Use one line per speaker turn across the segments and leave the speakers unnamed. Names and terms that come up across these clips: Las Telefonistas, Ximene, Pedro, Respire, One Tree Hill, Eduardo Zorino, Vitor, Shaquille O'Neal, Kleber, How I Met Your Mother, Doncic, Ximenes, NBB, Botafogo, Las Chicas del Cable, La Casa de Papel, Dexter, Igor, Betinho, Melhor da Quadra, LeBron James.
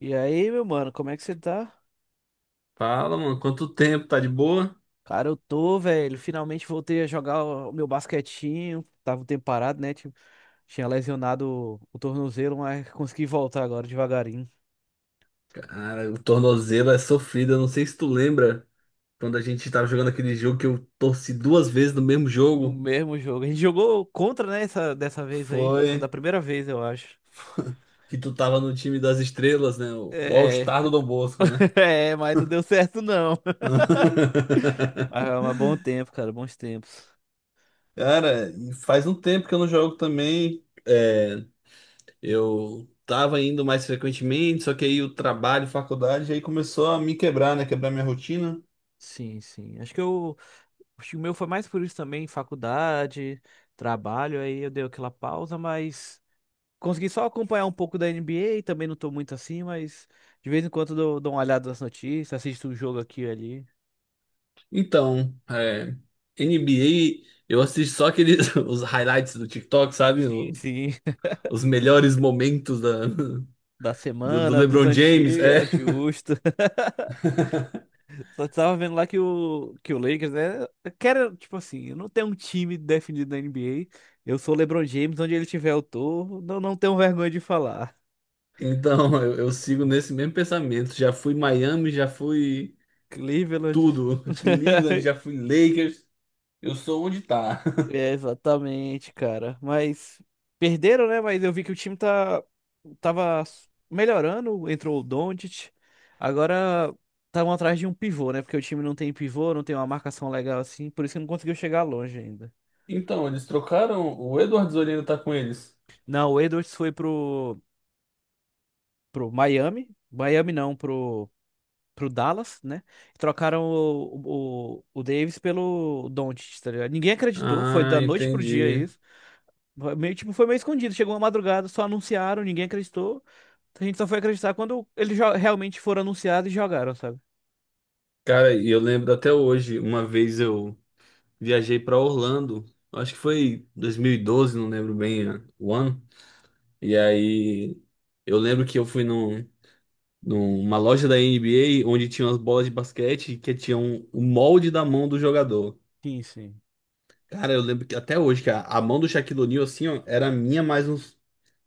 E aí, meu mano, como é que você tá?
Fala, mano, quanto tempo? Tá de boa?
Cara, eu tô, velho. Finalmente voltei a jogar o meu basquetinho. Tava um tempo parado, né? Tipo, tinha lesionado o tornozelo, mas consegui voltar agora devagarinho.
Cara, o tornozelo é sofrido. Eu não sei se tu lembra quando a gente tava jogando aquele jogo que eu torci duas vezes no mesmo
No
jogo.
mesmo jogo. A gente jogou contra, né? Essa, dessa vez aí.
Foi
Foi uma Da primeira vez, eu acho.
que tu tava no time das estrelas, né? O
É,
All-Star do Dom Bosco, né?
é, mas não deu certo, não. Mas, mas bom tempo, cara. Bons tempos.
Cara, e faz um tempo que eu não jogo também. É, eu tava indo mais frequentemente, só que aí o trabalho, faculdade, aí começou a me quebrar, né? Quebrar minha rotina.
Sim, sim. Acho que o meu foi mais por isso também, faculdade, trabalho. Aí eu dei aquela pausa, mas consegui só acompanhar um pouco da NBA, também não tô muito assim, mas de vez em quando eu dou uma olhada nas notícias, assisto um jogo aqui e ali.
Então, NBA, eu assisto só aqueles os highlights do TikTok, sabe?
Sim, sim,
Os melhores momentos
da
do
semana, dos
LeBron James.
antigos,
É.
é justo. Só tava vendo lá que o Lakers, né? Tipo assim, eu não tenho um time definido na NBA. Eu sou o LeBron James, onde ele tiver eu tô. Não, não tenho vergonha de falar.
Então, eu sigo nesse mesmo pensamento. Já fui Miami, já fui
Cleveland.
tudo. Cleveland, já fui Lakers. Eu sou onde tá.
É, exatamente, cara. Mas perderam, né? Mas eu vi que o time tava melhorando, entrou o Doncic. Agora estavam atrás de um pivô, né? Porque o time não tem pivô, não tem uma marcação legal assim, por isso que não conseguiu chegar longe ainda.
Então, eles trocaram. O Eduardo Zorino tá com eles.
Não, o Edwards foi pro pro Miami, Miami não, pro pro Dallas, né? Trocaram o Davis pelo Doncic, tá ligado? Ninguém acreditou, foi
Ah,
da noite pro dia
entendi.
isso. Tipo, foi meio escondido. Chegou uma madrugada, só anunciaram, ninguém acreditou. A gente só foi acreditar quando eles realmente foram anunciados e jogaram, sabe?
Cara, e eu lembro até hoje, uma vez eu viajei para Orlando. Acho que foi 2012, não lembro bem o ano. E aí eu lembro que eu fui numa loja da NBA onde tinha umas bolas de basquete que tinham o molde da mão do jogador.
Sim, sim.
Cara, eu lembro que até hoje, que a mão do Shaquille O'Neal, assim, ó, era a minha mais uns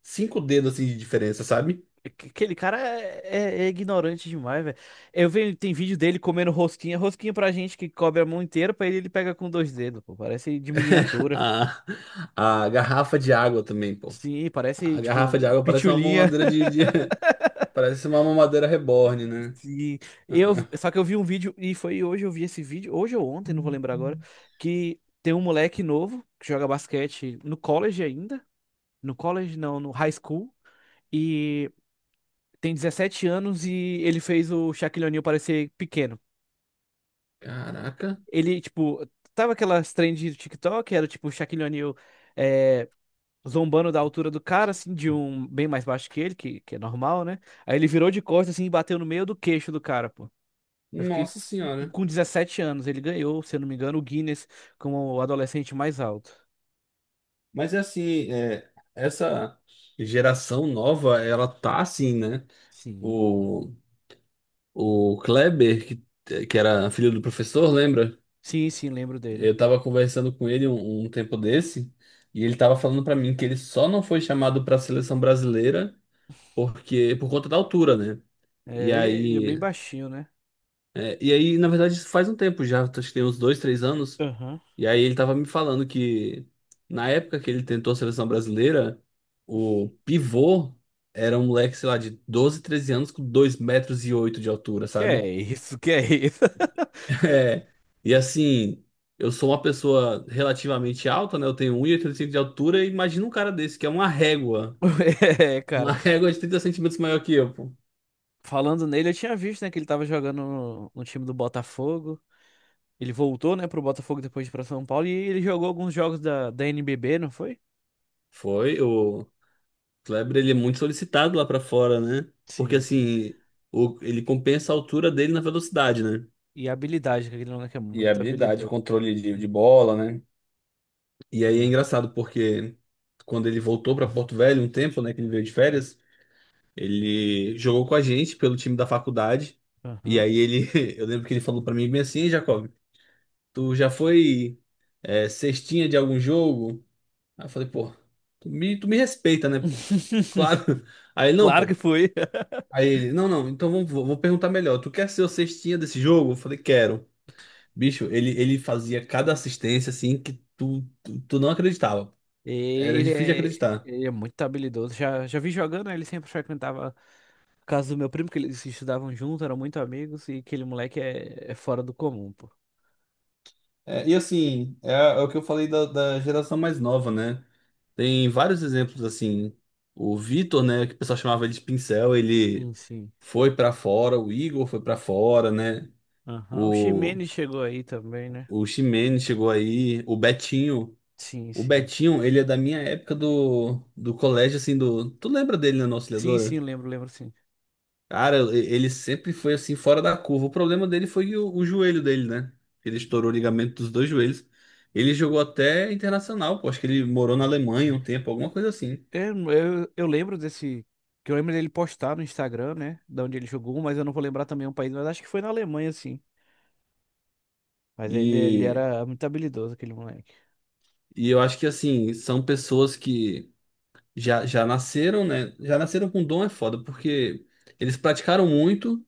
cinco dedos assim de diferença, sabe?
É. Aquele cara é ignorante demais, velho. Eu vejo, tem vídeo dele comendo rosquinha. Rosquinha pra gente que cobre a mão inteira, pra ele pega com dois dedos, pô. Parece de miniatura.
A, a garrafa de água também, pô.
Sim, parece,
A garrafa de
tipo,
água parece uma
pitulinha.
mamadeira parece uma mamadeira reborn, né?
Sim. Só que eu vi um vídeo, e foi hoje eu vi esse vídeo, hoje ou ontem, não vou lembrar agora, que tem um moleque novo que joga basquete no college ainda. No college, não, no high school, e tem 17 anos e ele fez o Shaquille O'Neal parecer pequeno.
Caraca.
Ele, tipo, tava aquelas trends do TikTok, era tipo o Shaquille O'Neal é, zombando da altura do cara, assim, de um bem mais baixo que ele, que é normal, né? Aí ele virou de costas, assim, e bateu no meio do queixo do cara, pô. Eu fiquei.
Nossa
E
senhora.
com 17 anos, ele ganhou, se eu não me engano, o Guinness como o adolescente mais alto.
Mas é assim, essa geração nova, ela tá assim, né?
Sim.
O, o Kleber, que era filho do professor, lembra?
Sim, sim, lembro dele.
Eu tava conversando com ele um tempo desse, e ele tava falando pra mim que ele só não foi chamado pra seleção brasileira porque por conta da altura, né? E
É, ele é bem
aí,
baixinho, né?
na verdade, isso faz um tempo já, acho que tem uns 2, 3 anos.
Aham.
E aí ele tava me falando que na época que ele tentou a seleção brasileira, o pivô era um moleque, sei lá, de 12, 13 anos com 2,08 m de altura,
Que é
sabe?
isso, que é isso?
É. E assim, eu sou uma pessoa relativamente alta, né? Eu tenho um 1,85 de altura e imagina um cara desse, que é uma régua.
É,
Uma
cara.
régua de 30 centímetros maior que eu, pô.
Falando nele, eu tinha visto, né, que ele tava jogando no time do Botafogo. Ele voltou, né, pro Botafogo depois de ir pra São Paulo e ele jogou alguns jogos da NBB, não foi?
Foi, o Kleber, ele é muito solicitado lá pra fora, né? Porque
Sim, sim.
assim, ele compensa a altura dele na velocidade, né?
E a habilidade, que aquele moleque é
E
muito
habilidade,
habilidoso.
controle de bola, né? E aí é
É.
engraçado porque quando ele voltou para Porto Velho um tempo, né, que ele veio de férias, ele jogou com a gente pelo time da faculdade. E
Aham.
aí ele, eu lembro que ele falou para mim bem assim, "Ei, Jacob, tu já foi cestinha de algum jogo? Aí eu falei, pô, tu me respeita, né, pô? Claro. Aí ele, não,
Claro que
pô.
foi.
Aí ele, não, não, então vamos, vou perguntar melhor. Tu quer ser o cestinha desse jogo? Eu falei, quero. Bicho, ele fazia cada assistência assim que tu não acreditava.
E
Era
Ele
difícil de
é,
acreditar.
ele é muito habilidoso. Já, já vi jogando, né, ele sempre frequentava a casa do meu primo, que eles estudavam junto, eram muito amigos, e aquele moleque é fora do comum, pô.
É, e assim, é o que eu falei da geração mais nova, né? Tem vários exemplos assim. O Vitor, né, que o pessoal chamava ele de pincel, ele
Sim, sim.
foi pra fora, o Igor foi pra fora, né?
Aham. O
O,
Ximenes chegou aí também, né?
o Ximene chegou aí, o Betinho.
Sim,
O
sim.
Betinho, ele é da minha época do colégio, assim, do. Tu lembra dele na nossa.
Sim, sim, lembro, lembro, sim.
Cara, ele sempre foi assim, fora da curva. O problema dele foi o joelho dele, né? Ele estourou o ligamento dos dois joelhos. Ele jogou até internacional, pô. Acho que ele morou na Alemanha um tempo, alguma coisa assim.
Eu lembro desse. Que eu lembro dele postar no Instagram, né? Da onde ele jogou, mas eu não vou lembrar também o país, mas acho que foi na Alemanha, sim. Mas ele
E,
era muito habilidoso, aquele moleque.
e eu acho que, assim, são pessoas que já nasceram, né? Já nasceram com dom é foda, porque eles praticaram muito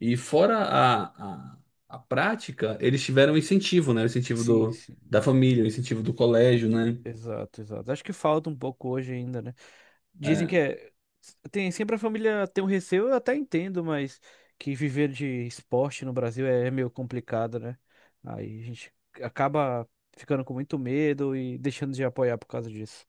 e, fora a, a prática, eles tiveram incentivo, né? O incentivo
Sim, sim.
da família, o incentivo do colégio, né?
Exato, exato. Acho que falta um pouco hoje ainda, né? Dizem
É,
que é. Sempre a família tem um receio, eu até entendo, mas que viver de esporte no Brasil é meio complicado, né? Aí a gente acaba ficando com muito medo e deixando de apoiar por causa disso.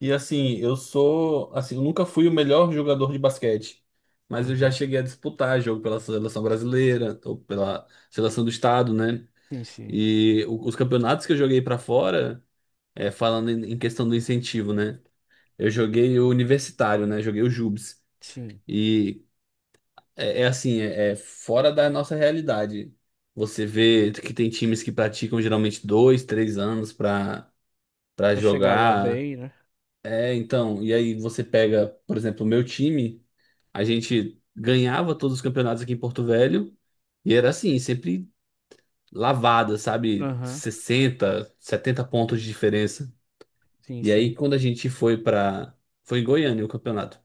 E assim, eu sou, assim, eu nunca fui o melhor jogador de basquete, mas eu já
Aham.
cheguei a disputar jogo pela seleção brasileira ou pela seleção do estado, né?
Sim, sim,
E os campeonatos que eu joguei pra fora, falando em questão do incentivo, né? Eu joguei o universitário, né? Joguei o JUBs.
sim.
E é assim, é fora da nossa realidade. Você vê que tem times que praticam geralmente dois, três anos pra para
Pra chegar lá
jogar.
bem, né?
É, então, e aí você pega, por exemplo, o meu time, a gente ganhava todos os campeonatos aqui em Porto Velho e era assim, sempre lavada, sabe?
Aham,
60, 70 pontos de diferença.
sim,
E aí
sim.
quando a gente foi pra. Foi em Goiânia o campeonato.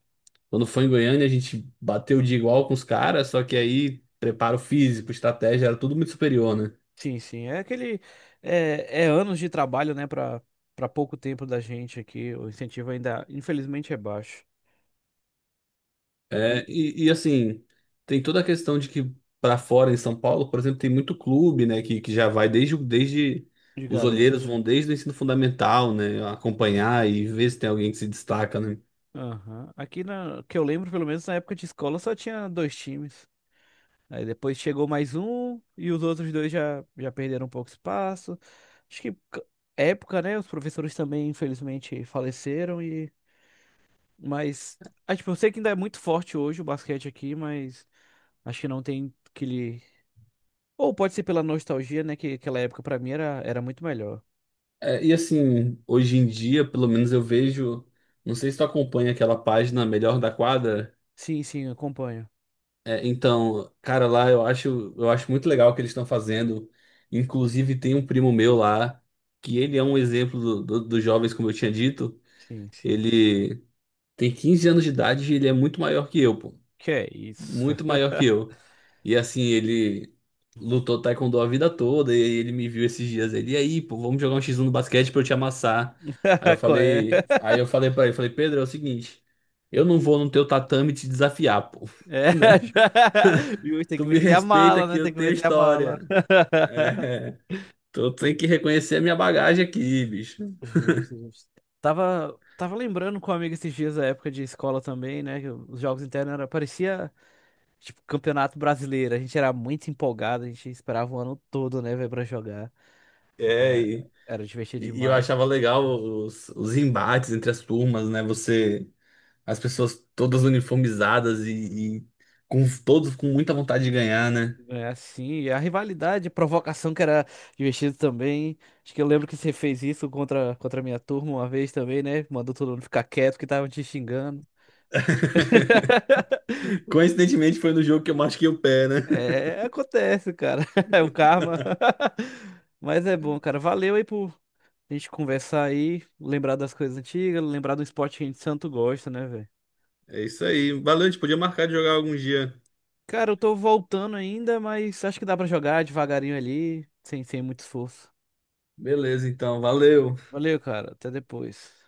Quando foi em Goiânia, a gente bateu de igual com os caras, só que aí preparo físico, estratégia, era tudo muito superior, né?
Sim, sim. É aquele. É anos de trabalho, né? Pra pouco tempo da gente aqui. O incentivo ainda, infelizmente, é baixo. E
É, assim, tem toda a questão de que para fora em São Paulo, por exemplo, tem muito clube, né, que já vai desde
de
os
garoto.
olheiros vão desde o ensino fundamental, né, acompanhar e ver se tem alguém que se destaca, né?
Aham. Que eu lembro, pelo menos na época de escola, só tinha dois times. Aí depois chegou mais um e os outros dois já, já perderam um pouco espaço. Acho que época, né? Os professores também, infelizmente, faleceram e mas, ah, tipo, eu sei que ainda é muito forte hoje o basquete aqui, mas acho que não tem aquele. Ou pode ser pela nostalgia, né? Que aquela época pra mim era muito melhor.
É, e assim, hoje em dia, pelo menos eu vejo, não sei se tu acompanha aquela página Melhor da Quadra.
Sim, sim, eu acompanho.
É, então, cara, lá eu acho muito legal o que eles estão fazendo. Inclusive, tem um primo meu lá, que ele é um exemplo dos jovens, como eu tinha dito.
Sim, sim.
Ele tem 15 anos de idade e ele é muito maior que eu, pô.
Que é isso?
Muito maior que eu. E assim, ele lutou taekwondo a vida toda e aí ele me viu esses dias ele, e aí, pô, vamos jogar um X1 no basquete pra eu te amassar.
Qual é?
Aí eu falei pra ele, falei, Pedro, é o seguinte, eu não vou no teu tatame te desafiar, pô,
É,
né?
já- justo, tem
Tu
que
me
meter a
respeita
mala,
que
né? Tem
eu
que
tenho
meter a mala.
história. É, tu tem que reconhecer a minha bagagem aqui, bicho.
Justo, justo. Tava lembrando com um amigo esses dias da época de escola também, né? Que os jogos internos era, parecia. Tipo, Campeonato Brasileiro, a gente era muito empolgado, a gente esperava o ano todo, né, velho, pra jogar.
É, e,
Era divertido
e eu
demais.
achava legal os embates entre as turmas, né? Você As pessoas todas uniformizadas e com todos com muita vontade de ganhar, né?
É assim, e a rivalidade, a provocação que era divertido também. Acho que eu lembro que você fez isso contra a minha turma uma vez também, né? Mandou todo mundo ficar quieto que tava te xingando.
Coincidentemente foi no jogo que eu machuquei o pé, né?
É, acontece, cara. É o karma. Mas é bom, cara. Valeu aí por a gente conversar aí, lembrar das coisas antigas, lembrar do esporte que a gente tanto gosta, né, velho?
É isso aí. Valeu, a gente podia marcar de jogar algum dia.
Cara, eu tô voltando ainda, mas acho que dá pra jogar devagarinho ali, sem muito esforço.
Beleza, então, valeu.
Valeu, cara. Até depois.